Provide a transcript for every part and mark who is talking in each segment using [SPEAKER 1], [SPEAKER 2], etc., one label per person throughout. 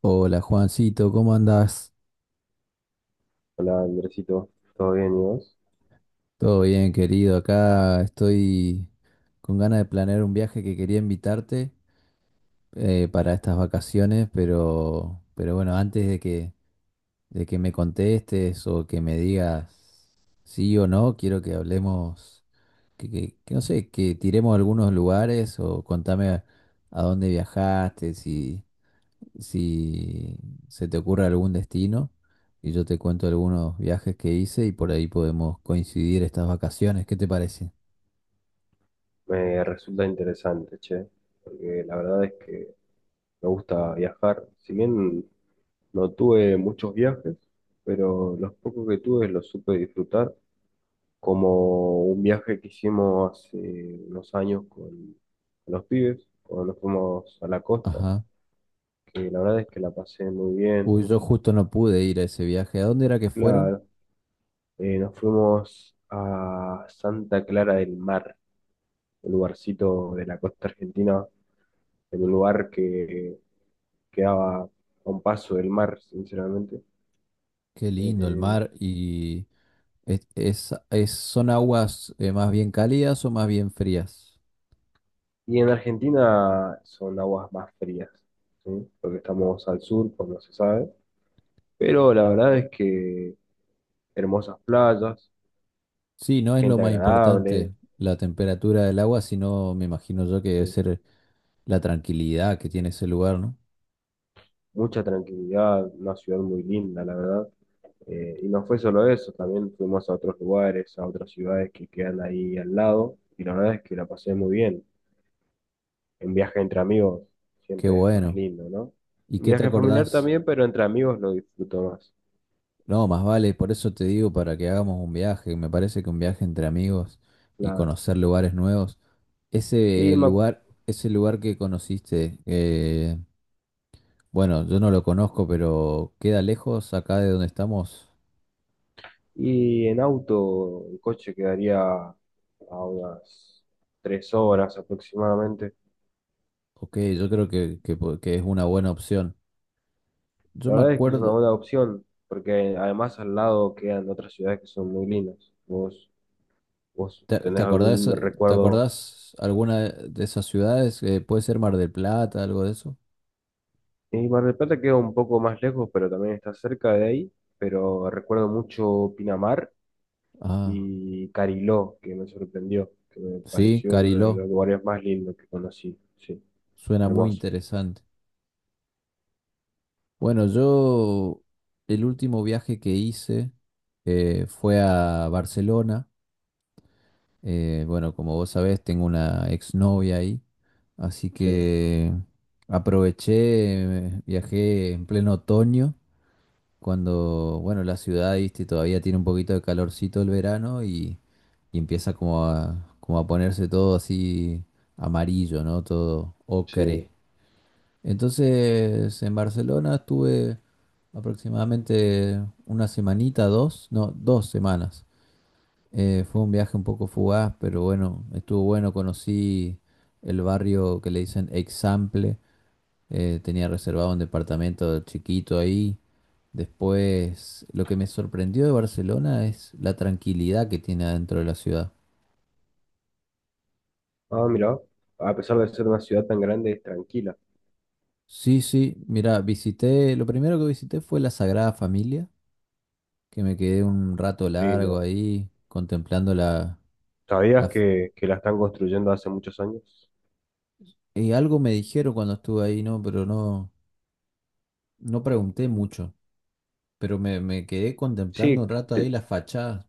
[SPEAKER 1] Hola Juancito, ¿cómo andás?
[SPEAKER 2] Hola Andresito, ¿todo bien y vos?
[SPEAKER 1] Todo bien, querido. Acá estoy con ganas de planear un viaje que quería invitarte para estas vacaciones, pero bueno, antes de que me contestes o que me digas sí o no, quiero que hablemos, que no sé, que tiremos algunos lugares o contame a dónde viajaste, si se te ocurre algún destino y yo te cuento algunos viajes que hice y por ahí podemos coincidir estas vacaciones. ¿Qué te parece?
[SPEAKER 2] Me resulta interesante, che, porque la verdad es que me gusta viajar. Si bien no tuve muchos viajes, pero los pocos que tuve los supe disfrutar, como un viaje que hicimos hace unos años con los pibes, cuando nos fuimos a la costa,
[SPEAKER 1] Ajá.
[SPEAKER 2] que la verdad es que la pasé muy bien.
[SPEAKER 1] Uy, yo justo no pude ir a ese viaje. ¿A dónde era que fueron?
[SPEAKER 2] Claro, nos fuimos a Santa Clara del Mar, un lugarcito de la costa argentina en un lugar que quedaba a un paso del mar, sinceramente.
[SPEAKER 1] Qué lindo el
[SPEAKER 2] Eh,
[SPEAKER 1] mar. ¿Son aguas más bien cálidas o más bien frías?
[SPEAKER 2] y en Argentina son aguas más frías, ¿sí? Porque estamos al sur, pues no se sabe. Pero la verdad es que hermosas playas,
[SPEAKER 1] Sí, no es lo
[SPEAKER 2] gente
[SPEAKER 1] más
[SPEAKER 2] agradable,
[SPEAKER 1] importante la temperatura del agua, sino me imagino yo que debe
[SPEAKER 2] sí,
[SPEAKER 1] ser la tranquilidad que tiene ese lugar, ¿no?
[SPEAKER 2] mucha tranquilidad, una ciudad muy linda, la verdad. Y no fue solo eso, también fuimos a otros lugares, a otras ciudades que quedan ahí al lado, y la verdad es que la pasé muy bien. Un viaje entre amigos
[SPEAKER 1] Qué
[SPEAKER 2] siempre es más
[SPEAKER 1] bueno.
[SPEAKER 2] lindo, ¿no?
[SPEAKER 1] ¿Y
[SPEAKER 2] Un
[SPEAKER 1] qué te
[SPEAKER 2] viaje familiar
[SPEAKER 1] acordás?
[SPEAKER 2] también, pero entre amigos lo disfruto más.
[SPEAKER 1] No, más vale, por eso te digo, para que hagamos un viaje. Me parece que un viaje entre amigos y
[SPEAKER 2] Claro.
[SPEAKER 1] conocer lugares nuevos. Ese
[SPEAKER 2] Y, me ac-
[SPEAKER 1] lugar, ese lugar que conociste, bueno, yo no lo conozco, pero ¿queda lejos acá de donde estamos?
[SPEAKER 2] y en auto, en coche quedaría a unas 3 horas aproximadamente.
[SPEAKER 1] Ok, yo creo que, que es una buena opción. Yo
[SPEAKER 2] La
[SPEAKER 1] me
[SPEAKER 2] verdad es que es una
[SPEAKER 1] acuerdo,
[SPEAKER 2] buena opción, porque además al lado quedan otras ciudades que son muy lindas. ¿Vos, vos
[SPEAKER 1] ¿te, te
[SPEAKER 2] tenés
[SPEAKER 1] acordás,
[SPEAKER 2] algún
[SPEAKER 1] te
[SPEAKER 2] recuerdo?
[SPEAKER 1] acordás alguna de esas ciudades? Puede ser Mar del Plata, algo de eso.
[SPEAKER 2] Y Mar del Plata queda un poco más lejos, pero también está cerca de ahí. Pero recuerdo mucho Pinamar
[SPEAKER 1] Ah,
[SPEAKER 2] y Cariló, que me sorprendió, que me
[SPEAKER 1] sí,
[SPEAKER 2] pareció uno de
[SPEAKER 1] Cariló,
[SPEAKER 2] los lugares más lindos que conocí. Sí,
[SPEAKER 1] suena muy
[SPEAKER 2] hermoso.
[SPEAKER 1] interesante. Bueno, yo el último viaje que hice fue a Barcelona. Bueno, como vos sabés, tengo una exnovia ahí, así
[SPEAKER 2] Sí,
[SPEAKER 1] que aproveché, viajé en pleno otoño, cuando, bueno, la ciudad, viste, todavía tiene un poquito de calorcito el verano y empieza como a ponerse todo así amarillo, ¿no? Todo
[SPEAKER 2] sí.
[SPEAKER 1] ocre. Entonces, en Barcelona estuve aproximadamente una semanita, dos, no, dos semanas. Fue un viaje un poco fugaz, pero bueno, estuvo bueno. Conocí el barrio que le dicen Example. Tenía reservado un departamento chiquito ahí. Después, lo que me sorprendió de Barcelona es la tranquilidad que tiene adentro de la ciudad.
[SPEAKER 2] Ah, mira, a pesar de ser una ciudad tan grande, es tranquila.
[SPEAKER 1] Sí, sí, mira, lo primero que visité fue la Sagrada Familia que me quedé un rato largo
[SPEAKER 2] Lindo.
[SPEAKER 1] ahí contemplando la...
[SPEAKER 2] ¿Sabías
[SPEAKER 1] f-
[SPEAKER 2] que la están construyendo hace muchos años?
[SPEAKER 1] Y algo me dijeron cuando estuve ahí, ¿no? Pero no, no pregunté mucho. Me quedé contemplando un
[SPEAKER 2] Sí,
[SPEAKER 1] rato ahí las fachadas.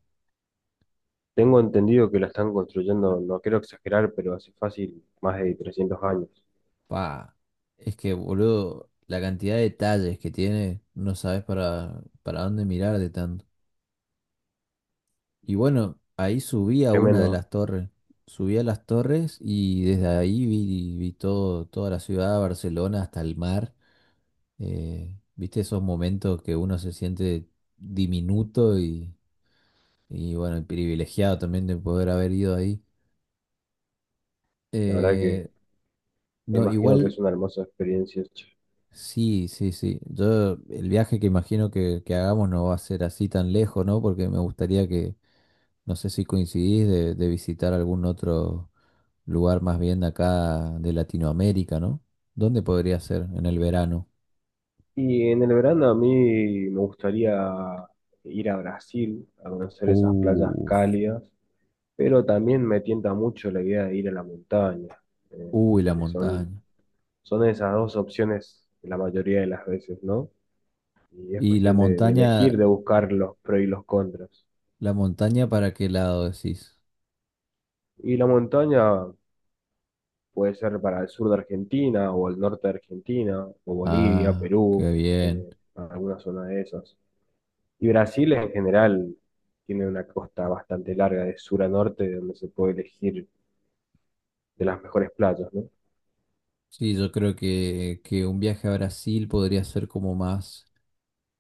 [SPEAKER 2] tengo entendido que la están construyendo, no quiero exagerar, pero hace fácil más de 300 años.
[SPEAKER 1] Pa, es que, boludo, la cantidad de detalles que tiene, no sabes para dónde mirar de tanto. Y bueno, ahí subí a una de
[SPEAKER 2] Tremendo,
[SPEAKER 1] las torres. Subí a las torres y desde ahí vi todo, toda la ciudad, Barcelona, hasta el mar. ¿Viste esos momentos que uno se siente diminuto y, bueno, privilegiado también de poder haber ido ahí?
[SPEAKER 2] ¿no? La verdad que
[SPEAKER 1] Eh,
[SPEAKER 2] me
[SPEAKER 1] no,
[SPEAKER 2] imagino que
[SPEAKER 1] igual,
[SPEAKER 2] es una hermosa experiencia.
[SPEAKER 1] sí, sí, sí. Yo, el viaje que imagino que hagamos no va a ser así tan lejos, ¿no? Porque me gustaría que, no sé si coincidís, de visitar algún otro lugar más bien de acá de Latinoamérica, ¿no? ¿Dónde podría ser en el verano?
[SPEAKER 2] Y en el verano a mí me gustaría ir a Brasil, a conocer esas playas
[SPEAKER 1] Uf,
[SPEAKER 2] cálidas, pero también me tienta mucho la idea de ir a la montaña, eh,
[SPEAKER 1] uy, la
[SPEAKER 2] como que son,
[SPEAKER 1] montaña.
[SPEAKER 2] son esas dos opciones la mayoría de las veces, ¿no? Y es
[SPEAKER 1] Y la
[SPEAKER 2] cuestión de elegir,
[SPEAKER 1] montaña,
[SPEAKER 2] de buscar los pros y los contras.
[SPEAKER 1] ¿la montaña para qué lado decís?
[SPEAKER 2] Y la montaña puede ser para el sur de Argentina o el norte de Argentina, o Bolivia,
[SPEAKER 1] Ah, qué
[SPEAKER 2] Perú,
[SPEAKER 1] bien.
[SPEAKER 2] alguna zona de esas. Y Brasil en general tiene una costa bastante larga de sur a norte, donde se puede elegir de las mejores playas, ¿no?
[SPEAKER 1] Sí, yo creo que un viaje a Brasil podría ser como más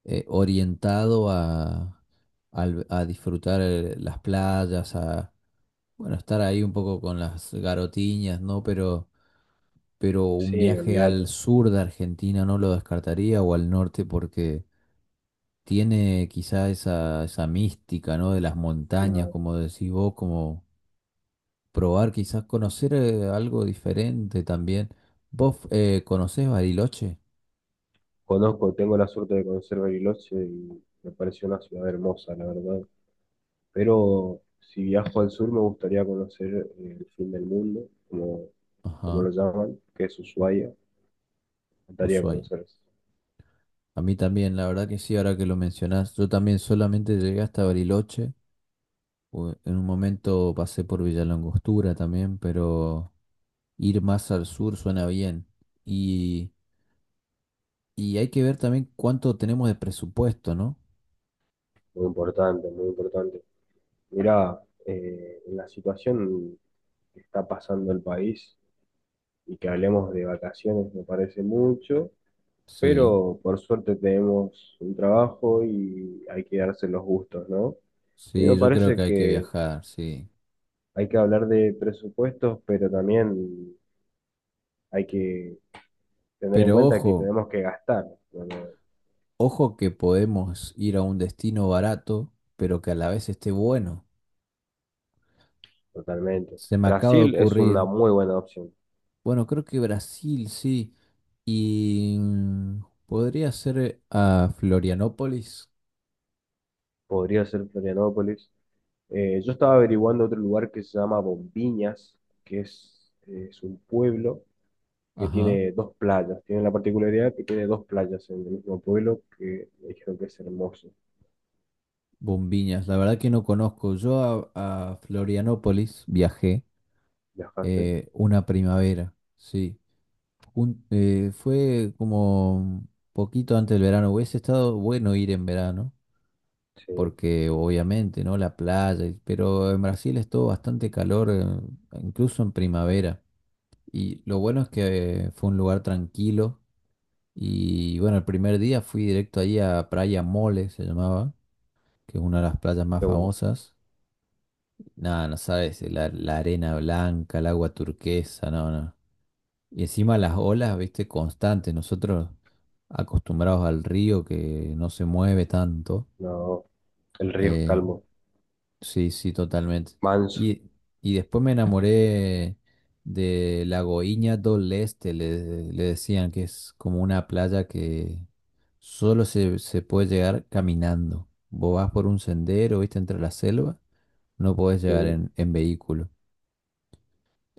[SPEAKER 1] orientado a, a disfrutar las playas, a bueno, estar ahí un poco con las garotiñas, ¿no? Pero un
[SPEAKER 2] Sí,
[SPEAKER 1] viaje al
[SPEAKER 2] olvídate.
[SPEAKER 1] sur de Argentina no lo descartaría o al norte porque tiene quizá esa mística, ¿no? De las montañas,
[SPEAKER 2] La
[SPEAKER 1] como decís vos, como probar, quizás conocer algo diferente también. ¿Vos conocés Bariloche?
[SPEAKER 2] conozco, tengo la suerte de conocer Bariloche y me pareció una ciudad hermosa, la verdad. Pero si viajo al sur me gustaría conocer el fin del mundo, como, como
[SPEAKER 1] Ajá,
[SPEAKER 2] lo llaman, que es Ushuaia. Me gustaría
[SPEAKER 1] Ushuaia.
[SPEAKER 2] conocer eso.
[SPEAKER 1] A mí también, la verdad que sí, ahora que lo mencionás, yo también solamente llegué hasta Bariloche. En un momento pasé por Villa La Angostura también, pero ir más al sur suena bien. Y, y hay que ver también cuánto tenemos de presupuesto, ¿no?
[SPEAKER 2] Muy importante, muy importante. Mira, la situación que está pasando el país y que hablemos de vacaciones me parece mucho,
[SPEAKER 1] Sí,
[SPEAKER 2] pero por suerte tenemos un trabajo y hay que darse los gustos, ¿no? Y
[SPEAKER 1] sí,
[SPEAKER 2] me
[SPEAKER 1] yo creo que
[SPEAKER 2] parece
[SPEAKER 1] hay que
[SPEAKER 2] que
[SPEAKER 1] viajar, sí.
[SPEAKER 2] hay que hablar de presupuestos, pero también hay que tener en
[SPEAKER 1] Pero
[SPEAKER 2] cuenta que
[SPEAKER 1] ojo.
[SPEAKER 2] tenemos que gastar, ¿no?
[SPEAKER 1] Ojo que podemos ir a un destino barato, pero que a la vez esté bueno.
[SPEAKER 2] Totalmente.
[SPEAKER 1] Se me acaba de
[SPEAKER 2] Brasil es una
[SPEAKER 1] ocurrir.
[SPEAKER 2] muy buena opción.
[SPEAKER 1] Bueno, creo que Brasil, sí. Y podría ser a Florianópolis.
[SPEAKER 2] Podría ser Florianópolis. Yo estaba averiguando otro lugar que se llama Bombiñas, que es un pueblo que
[SPEAKER 1] Ajá.
[SPEAKER 2] tiene dos playas. Tiene la particularidad que tiene dos playas en el mismo pueblo que me dijeron que es hermoso.
[SPEAKER 1] Bombiñas. La verdad que no conozco. Yo a Florianópolis viajé
[SPEAKER 2] ¿Viajaste?
[SPEAKER 1] una primavera. Sí. Fue como poquito antes del verano. Hubiese estado bueno ir en verano
[SPEAKER 2] Sí,
[SPEAKER 1] porque obviamente, ¿no? La playa, pero en Brasil es todo bastante calor, incluso en primavera. Y lo bueno es que fue un lugar tranquilo. Y bueno, el primer día fui directo ahí a Praia Mole, se llamaba, que es una de las playas más
[SPEAKER 2] qué bueno.
[SPEAKER 1] famosas. Nada, no sabes, la arena blanca, el agua turquesa, no, no. Y encima las olas, viste, constantes. Nosotros acostumbrados al río que no se mueve tanto.
[SPEAKER 2] No, el río es
[SPEAKER 1] eh,
[SPEAKER 2] calmo,
[SPEAKER 1] Sí, sí, totalmente.
[SPEAKER 2] manso,
[SPEAKER 1] Y, y después me enamoré de la Goiña del Este, le decían que es como una playa que se puede llegar caminando. Vos vas por un sendero, viste, entre la selva, no podés llegar
[SPEAKER 2] sí.
[SPEAKER 1] en vehículo.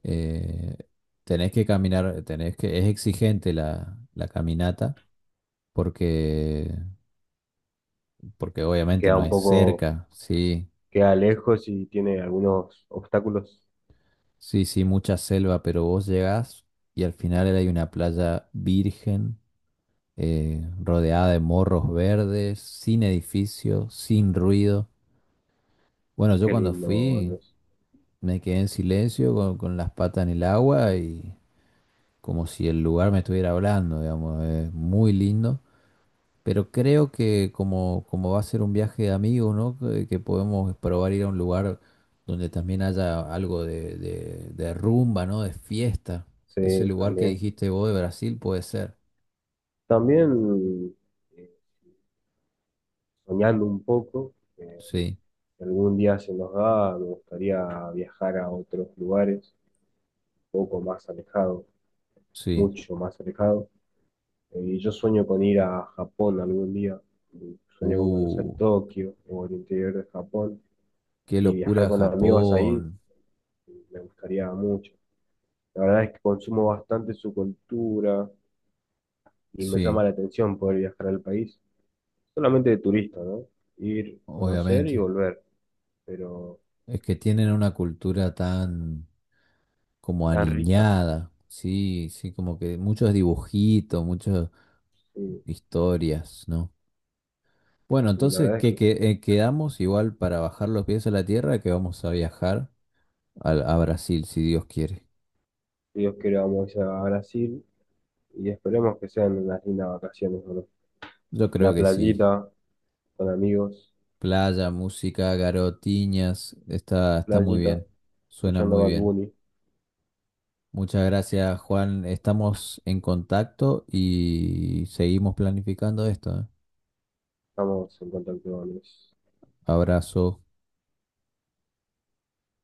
[SPEAKER 1] Eh, Tenés que caminar, tenés que, es exigente la caminata porque, porque obviamente
[SPEAKER 2] Queda
[SPEAKER 1] no
[SPEAKER 2] un
[SPEAKER 1] es
[SPEAKER 2] poco,
[SPEAKER 1] cerca, sí.
[SPEAKER 2] queda lejos y tiene algunos obstáculos.
[SPEAKER 1] Sí, sí, mucha selva, pero vos llegás y al final hay una playa virgen, rodeada de morros verdes, sin edificio, sin ruido. Bueno, yo
[SPEAKER 2] Qué
[SPEAKER 1] cuando
[SPEAKER 2] lindo,
[SPEAKER 1] fui
[SPEAKER 2] Andrés.
[SPEAKER 1] me quedé en silencio con las patas en el agua y como si el lugar me estuviera hablando, digamos, es muy lindo. Pero creo que como, como va a ser un viaje de amigos, ¿no? Que podemos probar ir a un lugar donde también haya algo de rumba, ¿no? De fiesta. Ese
[SPEAKER 2] Sí,
[SPEAKER 1] lugar que
[SPEAKER 2] también.
[SPEAKER 1] dijiste vos de Brasil puede ser.
[SPEAKER 2] También eh, soñando un poco,
[SPEAKER 1] Sí,
[SPEAKER 2] si algún día se nos da, me gustaría viajar a otros lugares, un poco más alejado,
[SPEAKER 1] sí.
[SPEAKER 2] mucho más alejado. Y yo sueño con ir a Japón algún día, y sueño con conocer
[SPEAKER 1] Uh,
[SPEAKER 2] Tokio o el interior de Japón
[SPEAKER 1] qué
[SPEAKER 2] y viajar
[SPEAKER 1] locura
[SPEAKER 2] con amigos ahí,
[SPEAKER 1] Japón.
[SPEAKER 2] me gustaría mucho. La verdad es que consumo bastante su cultura y me llama
[SPEAKER 1] Sí,
[SPEAKER 2] la atención poder viajar al país, solamente de turista, ¿no? Ir, conocer y
[SPEAKER 1] obviamente.
[SPEAKER 2] volver, pero
[SPEAKER 1] Es que tienen una cultura tan como
[SPEAKER 2] tan rica.
[SPEAKER 1] aniñada. Sí, sí, como que muchos dibujitos, muchas
[SPEAKER 2] Sí,
[SPEAKER 1] historias, ¿no? Bueno,
[SPEAKER 2] sí, la
[SPEAKER 1] entonces
[SPEAKER 2] verdad es que
[SPEAKER 1] quedamos igual para bajar los pies a la tierra que vamos a viajar a Brasil, si Dios quiere.
[SPEAKER 2] si Dios quiere vamos a ir a Brasil y esperemos que sean unas lindas vacaciones, ¿no?
[SPEAKER 1] Yo creo
[SPEAKER 2] La
[SPEAKER 1] que sí.
[SPEAKER 2] playita, con amigos,
[SPEAKER 1] Playa, música, garotinas, está muy
[SPEAKER 2] playita,
[SPEAKER 1] bien. Suena
[SPEAKER 2] escuchando
[SPEAKER 1] muy
[SPEAKER 2] Bad
[SPEAKER 1] bien.
[SPEAKER 2] Bunny.
[SPEAKER 1] Muchas gracias, Juan. Estamos en contacto y seguimos planificando esto, ¿eh?
[SPEAKER 2] Estamos en contacto, Andrés.
[SPEAKER 1] Abrazo.